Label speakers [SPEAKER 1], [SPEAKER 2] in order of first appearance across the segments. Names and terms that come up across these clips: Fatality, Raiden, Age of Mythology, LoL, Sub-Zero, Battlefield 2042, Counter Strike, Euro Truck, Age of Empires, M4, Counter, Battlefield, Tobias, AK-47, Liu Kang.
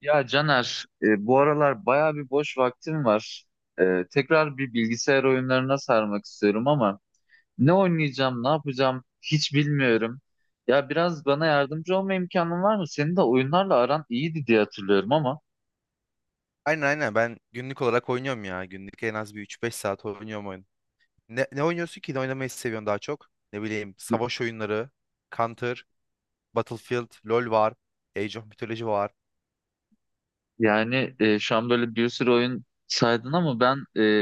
[SPEAKER 1] Ya Caner, bu aralar bayağı bir boş vaktim var. Tekrar bir bilgisayar oyunlarına sarmak istiyorum ama ne oynayacağım, ne yapacağım hiç bilmiyorum. Ya biraz bana yardımcı olma imkanın var mı? Senin de oyunlarla aran iyiydi diye hatırlıyorum ama.
[SPEAKER 2] Aynen aynen ben günlük olarak oynuyorum ya. Günlük en az bir üç beş saat oynuyorum oyun. Ne oynuyorsun ki? Ne oynamayı seviyorsun daha çok? Ne bileyim savaş oyunları, Counter, Battlefield, LoL var, Age of Mythology var.
[SPEAKER 1] Yani şu an böyle bir sürü oyun saydın ama ben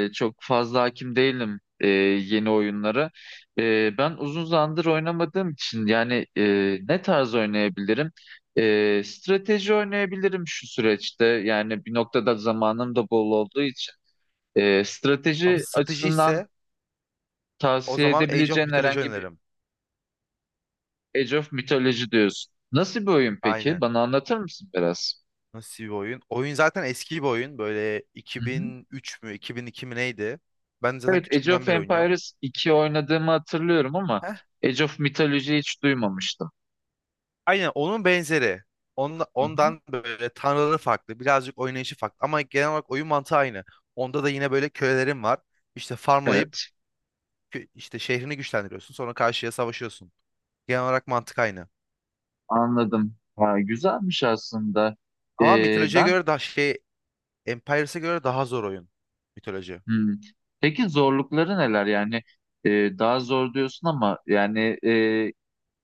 [SPEAKER 1] çok fazla hakim değilim yeni oyunlara. Ben uzun zamandır oynamadığım için yani ne tarz oynayabilirim? Strateji oynayabilirim şu süreçte. Yani bir noktada zamanım da bol olduğu için.
[SPEAKER 2] Ama
[SPEAKER 1] Strateji
[SPEAKER 2] strateji
[SPEAKER 1] açısından
[SPEAKER 2] ise o
[SPEAKER 1] tavsiye
[SPEAKER 2] zaman Age of
[SPEAKER 1] edebileceğin
[SPEAKER 2] Mythology
[SPEAKER 1] herhangi bir
[SPEAKER 2] oynarım.
[SPEAKER 1] Age of Mythology diyorsun. Nasıl bir oyun peki?
[SPEAKER 2] Aynen.
[SPEAKER 1] Bana anlatır mısın biraz?
[SPEAKER 2] Nasıl bir oyun? Oyun zaten eski bir oyun. Böyle 2003 mü 2002 mi neydi? Ben zaten
[SPEAKER 1] Evet, Age
[SPEAKER 2] küçüklüğümden
[SPEAKER 1] of
[SPEAKER 2] beri oynuyorum.
[SPEAKER 1] Empires 2 oynadığımı hatırlıyorum ama
[SPEAKER 2] Heh,
[SPEAKER 1] Age of Mythology hiç duymamıştım.
[SPEAKER 2] aynen onun benzeri. Onda,
[SPEAKER 1] Hı hı.
[SPEAKER 2] ondan böyle tanrıları farklı. Birazcık oynayışı farklı. Ama genel olarak oyun mantığı aynı. Onda da yine böyle kölelerin var. İşte farmlayıp
[SPEAKER 1] Evet,
[SPEAKER 2] işte şehrini güçlendiriyorsun. Sonra karşıya savaşıyorsun. Genel olarak mantık aynı.
[SPEAKER 1] anladım. Ha, güzelmiş aslında.
[SPEAKER 2] Ama mitolojiye
[SPEAKER 1] Ben
[SPEAKER 2] göre daha şey Empires'e göre daha zor oyun. Mitoloji.
[SPEAKER 1] hmm, peki zorlukları neler yani e, daha zor diyorsun ama yani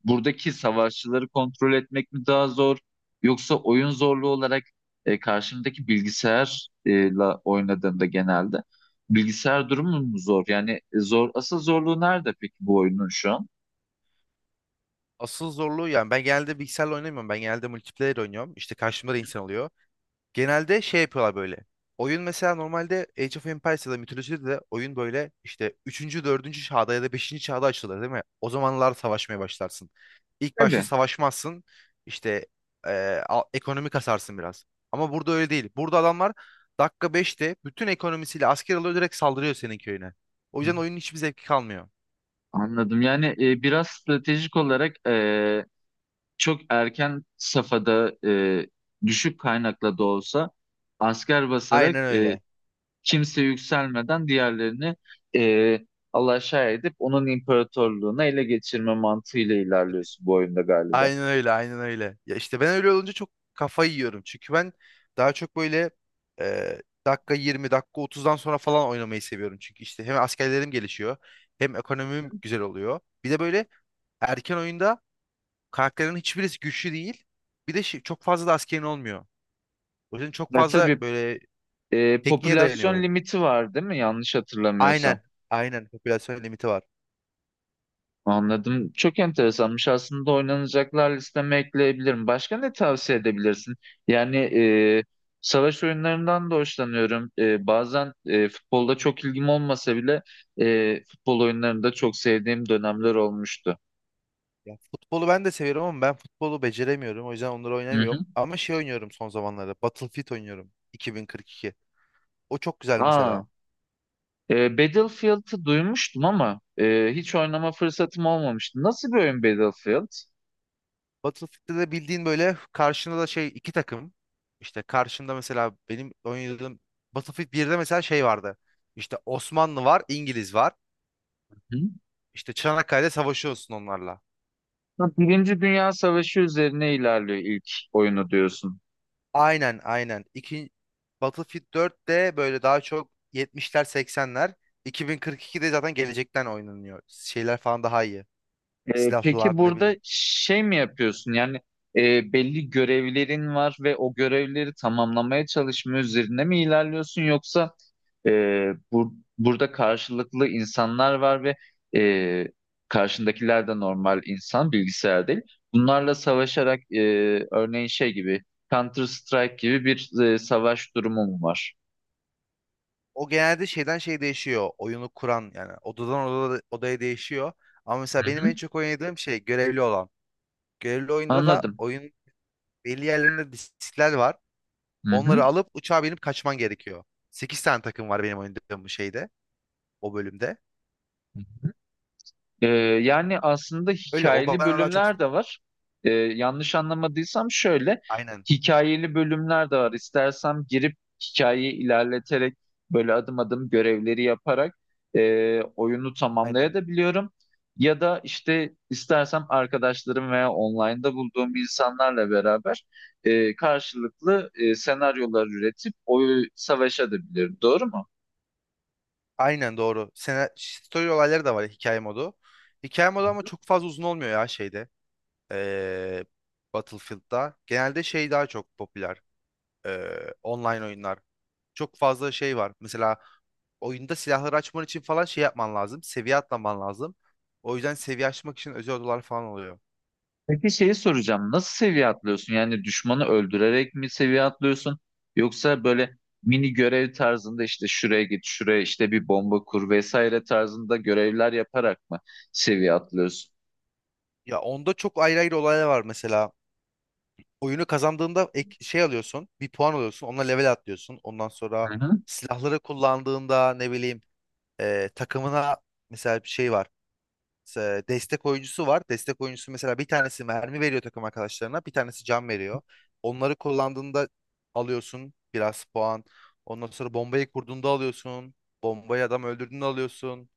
[SPEAKER 1] buradaki savaşçıları kontrol etmek mi daha zor yoksa oyun zorluğu olarak karşımdaki bilgisayarla oynadığımda genelde bilgisayar durumu mu zor? Yani zor asıl zorluğu nerede peki bu oyunun şu an?
[SPEAKER 2] Asıl zorluğu yani ben genelde bilgisayarla oynamıyorum. Ben genelde multiplayer oynuyorum. İşte karşımda da insan oluyor. Genelde şey yapıyorlar böyle. Oyun mesela normalde Age of Empires ya da mitolojide de oyun böyle işte üçüncü dördüncü çağda ya da beşinci çağda açılır değil mi? O zamanlar savaşmaya başlarsın. İlk başta
[SPEAKER 1] Tabii.
[SPEAKER 2] savaşmazsın. İşte ekonomi kasarsın biraz. Ama burada öyle değil. Burada adamlar dakika 5'te bütün ekonomisiyle asker alıyor, direkt saldırıyor senin köyüne. O yüzden oyunun hiçbir zevki kalmıyor.
[SPEAKER 1] Anladım. Yani biraz stratejik olarak çok erken safhada düşük kaynakla da olsa asker basarak
[SPEAKER 2] Aynen öyle.
[SPEAKER 1] kimse yükselmeden diğerlerini e, alaşağı edip onun imparatorluğuna ele geçirme mantığıyla ilerliyorsun bu oyunda galiba.
[SPEAKER 2] Aynen öyle, aynen öyle. Ya işte ben öyle olunca çok kafayı yiyorum. Çünkü ben daha çok böyle dakika 20, dakika 30'dan sonra falan oynamayı seviyorum. Çünkü işte hem askerlerim gelişiyor, hem ekonomim güzel oluyor. Bir de böyle erken oyunda karakterlerin hiçbirisi güçlü değil. Bir de çok fazla da askerin olmuyor. O yüzden çok
[SPEAKER 1] Ya
[SPEAKER 2] fazla
[SPEAKER 1] tabii,
[SPEAKER 2] böyle tekniğe dayanıyor
[SPEAKER 1] popülasyon
[SPEAKER 2] oyun.
[SPEAKER 1] limiti var değil mi? Yanlış hatırlamıyorsam.
[SPEAKER 2] Aynen, aynen. Popülasyon limiti var.
[SPEAKER 1] Anladım. Çok enteresanmış. Aslında oynanacaklar listeme ekleyebilirim. Başka ne tavsiye edebilirsin? Yani savaş oyunlarından da hoşlanıyorum. Bazen futbolda çok ilgim olmasa bile futbol oyunlarında çok sevdiğim dönemler olmuştu.
[SPEAKER 2] Ya futbolu ben de seviyorum ama ben futbolu beceremiyorum. O yüzden onları
[SPEAKER 1] Hı hı.
[SPEAKER 2] oynamıyorum. Ama şey oynuyorum son zamanlarda. Battlefield oynuyorum. 2042. O çok güzel
[SPEAKER 1] Aa,
[SPEAKER 2] mesela.
[SPEAKER 1] Battlefield'ı duymuştum ama hiç oynama fırsatım olmamıştı. Nasıl bir oyun Battlefield?
[SPEAKER 2] Battlefield'de de bildiğin böyle karşında da şey iki takım. İşte karşında mesela benim oynadığım Battlefield 1'de mesela şey vardı. İşte Osmanlı var, İngiliz var.
[SPEAKER 1] Hı?
[SPEAKER 2] İşte Çanakkale'de savaşıyorsun onlarla.
[SPEAKER 1] Ha, Birinci Dünya Savaşı üzerine ilerliyor ilk oyunu diyorsun.
[SPEAKER 2] Aynen aynen. Battlefield 4'te böyle daha çok 70'ler 80'ler. 2042'de zaten gelecekten oynanıyor. Şeyler falan daha iyi.
[SPEAKER 1] Peki
[SPEAKER 2] Silahlar ne
[SPEAKER 1] burada
[SPEAKER 2] bileyim.
[SPEAKER 1] şey mi yapıyorsun? Yani belli görevlerin var ve o görevleri tamamlamaya çalışma üzerine mi ilerliyorsun yoksa bu, burada karşılıklı insanlar var ve e, karşındakiler de normal insan, bilgisayar değil. Bunlarla savaşarak örneğin şey gibi Counter Strike gibi bir savaş durumu mu var?
[SPEAKER 2] O genelde şeyden şey değişiyor. Oyunu kuran yani odadan odaya değişiyor. Ama mesela
[SPEAKER 1] Hı
[SPEAKER 2] benim
[SPEAKER 1] hı.
[SPEAKER 2] en çok oynadığım şey görevli olan. Görevli oyunda da
[SPEAKER 1] Anladım.
[SPEAKER 2] oyun belli yerlerinde diskler var.
[SPEAKER 1] Hı
[SPEAKER 2] Onları
[SPEAKER 1] hı.
[SPEAKER 2] alıp uçağa binip kaçman gerekiyor. 8 tane takım var benim oynadığım bu şeyde. O bölümde.
[SPEAKER 1] Ee, yani aslında
[SPEAKER 2] Öyle o
[SPEAKER 1] hikayeli
[SPEAKER 2] bana daha çok
[SPEAKER 1] bölümler de var. Yanlış anlamadıysam şöyle,
[SPEAKER 2] aynen.
[SPEAKER 1] hikayeli bölümler de var. İstersem girip hikayeyi ilerleterek böyle adım adım görevleri yaparak oyunu
[SPEAKER 2] Aynen.
[SPEAKER 1] tamamlayabiliyorum. Ya da işte istersem arkadaşlarım veya online'da bulduğum insanlarla beraber karşılıklı senaryolar üretip oyu savaşabilirim. Doğru mu?
[SPEAKER 2] Aynen doğru. Story olayları da var, hikaye modu. Hikaye modu ama çok fazla uzun olmuyor ya şeyde. Ee, Battlefield'da. Genelde şey daha çok popüler. Online oyunlar. Çok fazla şey var. Mesela oyunda silahları açman için falan şey yapman lazım. Seviye atlaman lazım. O yüzden seviye açmak için özel odalar falan oluyor.
[SPEAKER 1] Peki şeyi soracağım. Nasıl seviye atlıyorsun? Yani düşmanı öldürerek mi seviye atlıyorsun? Yoksa böyle mini görev tarzında işte şuraya git, şuraya işte bir bomba kur vesaire tarzında görevler yaparak mı seviye atlıyorsun?
[SPEAKER 2] Ya onda çok ayrı ayrı olaylar var mesela. Oyunu kazandığında şey alıyorsun. Bir puan alıyorsun. Onunla level atlıyorsun. Ondan sonra
[SPEAKER 1] Hı hı.
[SPEAKER 2] silahları kullandığında ne bileyim takımına mesela bir şey var. E, destek oyuncusu var. Destek oyuncusu mesela bir tanesi mermi veriyor takım arkadaşlarına, bir tanesi can veriyor. Onları kullandığında alıyorsun biraz puan. Ondan sonra bombayı kurduğunda alıyorsun. Bombayı adam öldürdüğünde alıyorsun.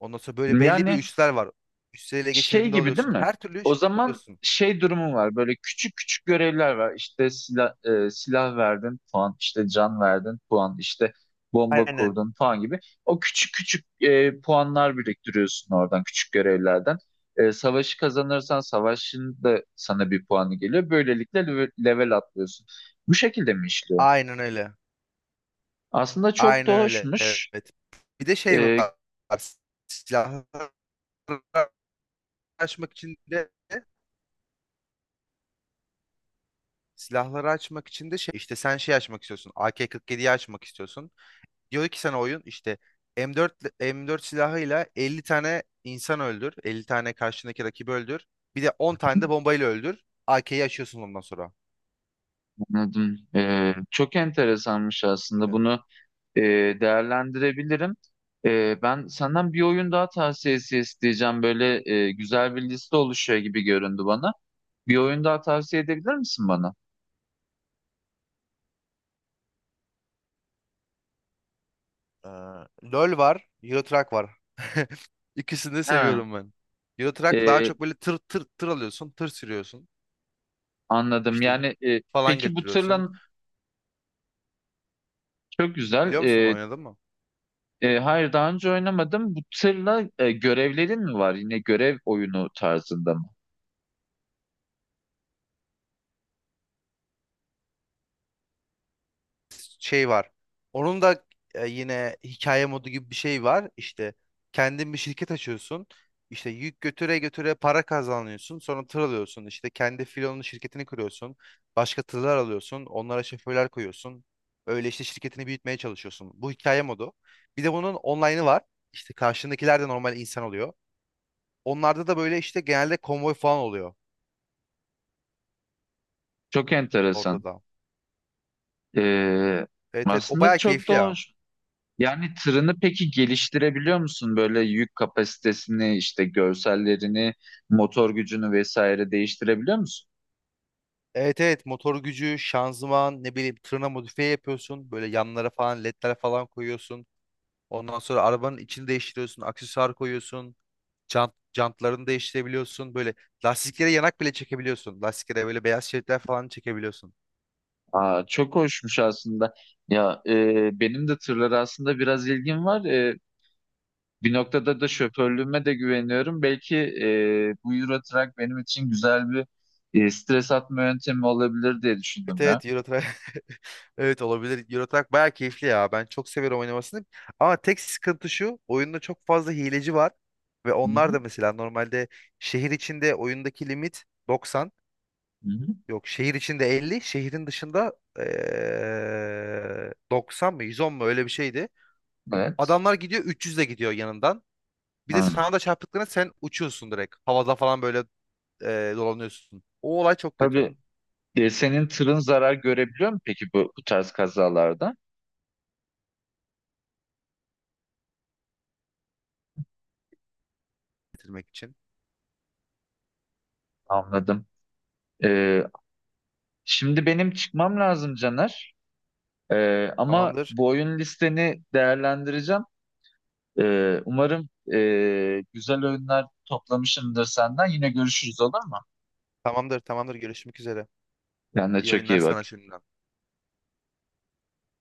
[SPEAKER 2] Ondan sonra böyle belli bir
[SPEAKER 1] Yani
[SPEAKER 2] üsler var. Üstleri ele
[SPEAKER 1] şey
[SPEAKER 2] geçirdiğinde
[SPEAKER 1] gibi değil
[SPEAKER 2] alıyorsun.
[SPEAKER 1] mi?
[SPEAKER 2] Her türlü
[SPEAKER 1] O
[SPEAKER 2] şekilde
[SPEAKER 1] zaman
[SPEAKER 2] alıyorsun.
[SPEAKER 1] şey durumu var. Böyle küçük küçük görevler var. İşte silah, silah verdin puan, işte can verdin puan, işte bomba
[SPEAKER 2] Aynen.
[SPEAKER 1] kurdun puan gibi. O küçük küçük puanlar biriktiriyorsun oradan küçük görevlerden. Savaşı kazanırsan savaşın da sana bir puanı geliyor. Böylelikle level atlıyorsun. Bu şekilde mi işliyor?
[SPEAKER 2] Aynen öyle.
[SPEAKER 1] Aslında çok da
[SPEAKER 2] Aynen öyle.
[SPEAKER 1] hoşmuş.
[SPEAKER 2] Evet. Bir de şey
[SPEAKER 1] E,
[SPEAKER 2] var. Silahları açmak için de Silahları açmak için de şey işte sen şey açmak istiyorsun. AK-47'yi açmak istiyorsun. Diyor ki sana oyun işte M4 M4 silahıyla 50 tane insan öldür. 50 tane karşındaki rakibi öldür. Bir de 10 tane de bombayla öldür. AK'yi açıyorsun ondan sonra.
[SPEAKER 1] anladım. Çok enteresanmış aslında
[SPEAKER 2] Öyle.
[SPEAKER 1] bunu. e, Değerlendirebilirim. Ben senden bir oyun daha tavsiyesi isteyeceğim. Böyle güzel bir liste oluşuyor gibi göründü bana. Bir oyun daha tavsiye edebilir misin bana?
[SPEAKER 2] Ee, LoL var, Euro Truck var. İkisini de
[SPEAKER 1] Ha,
[SPEAKER 2] seviyorum ben. Euro Truck daha
[SPEAKER 1] e,
[SPEAKER 2] çok böyle tır tır tır alıyorsun, tır sürüyorsun.
[SPEAKER 1] anladım.
[SPEAKER 2] İşte yük
[SPEAKER 1] Yani
[SPEAKER 2] falan
[SPEAKER 1] peki bu
[SPEAKER 2] getiriyorsun.
[SPEAKER 1] tırla çok güzel.
[SPEAKER 2] Biliyor musun, oynadın mı?
[SPEAKER 1] Hayır, daha önce oynamadım. Bu tırla görevlerin mi var? Yine görev oyunu tarzında mı?
[SPEAKER 2] Şey var. Onun da yine hikaye modu gibi bir şey var. İşte kendin bir şirket açıyorsun. İşte yük götüre götüre para kazanıyorsun. Sonra tır alıyorsun. İşte kendi filonun şirketini kuruyorsun. Başka tırlar alıyorsun. Onlara şoförler koyuyorsun. Öyle işte şirketini büyütmeye çalışıyorsun. Bu hikaye modu. Bir de bunun online'ı var. İşte karşındakiler de normal insan oluyor. Onlarda da böyle işte genelde konvoy falan oluyor
[SPEAKER 1] Çok enteresan.
[SPEAKER 2] orada da.
[SPEAKER 1] E,
[SPEAKER 2] Evet evet, o
[SPEAKER 1] aslında
[SPEAKER 2] bayağı
[SPEAKER 1] çok da
[SPEAKER 2] keyifli ya.
[SPEAKER 1] hoş. Yani tırını peki geliştirebiliyor musun? Böyle yük kapasitesini, işte görsellerini, motor gücünü vesaire değiştirebiliyor musun?
[SPEAKER 2] Evet evet, motor gücü, şanzıman, ne bileyim, tırna modifiye yapıyorsun. Böyle yanlara falan ledler falan koyuyorsun. Ondan sonra arabanın içini değiştiriyorsun. Aksesuar koyuyorsun. Jantlarını değiştirebiliyorsun. Böyle lastiklere yanak bile çekebiliyorsun. Lastiklere böyle beyaz şeritler falan çekebiliyorsun.
[SPEAKER 1] Aa, çok hoşmuş aslında. Ya benim de tırlara aslında biraz ilgim var. Bir noktada da şoförlüğüme de güveniyorum. Belki bu Euro Truck benim için güzel bir stres atma yöntemi olabilir diye
[SPEAKER 2] Evet
[SPEAKER 1] düşündüm ya.
[SPEAKER 2] evet, Euro Truck. Evet olabilir. Euro Truck bayağı keyifli ya. Ben çok seviyorum oynamasını. Ama tek sıkıntı şu. Oyunda çok fazla hileci var. Ve
[SPEAKER 1] Hı
[SPEAKER 2] onlar
[SPEAKER 1] hı,
[SPEAKER 2] da mesela normalde şehir içinde oyundaki limit 90.
[SPEAKER 1] hı hı.
[SPEAKER 2] Yok, şehir içinde 50, şehrin dışında 90 mı 110 mu öyle bir şeydi.
[SPEAKER 1] Evet.
[SPEAKER 2] Adamlar gidiyor 300 de gidiyor yanından. Bir de
[SPEAKER 1] Hı.
[SPEAKER 2] sana da çarptıklarına sen uçuyorsun direkt. Havada falan böyle dolanıyorsun. O olay çok kötü
[SPEAKER 1] Tabii, senin tırın zarar görebiliyor mu peki bu, bu tarz kazalarda?
[SPEAKER 2] bitirmek için.
[SPEAKER 1] Anladım. Ee, şimdi benim çıkmam lazım Caner. Ama
[SPEAKER 2] Tamamdır.
[SPEAKER 1] bu oyun listeni değerlendireceğim. Umarım güzel oyunlar toplamışımdır senden. Yine görüşürüz olur mu?
[SPEAKER 2] Tamamdır. Tamamdır. Görüşmek üzere.
[SPEAKER 1] Kendine
[SPEAKER 2] İyi
[SPEAKER 1] çok
[SPEAKER 2] oyunlar
[SPEAKER 1] iyi bak.
[SPEAKER 2] sana şimdiden.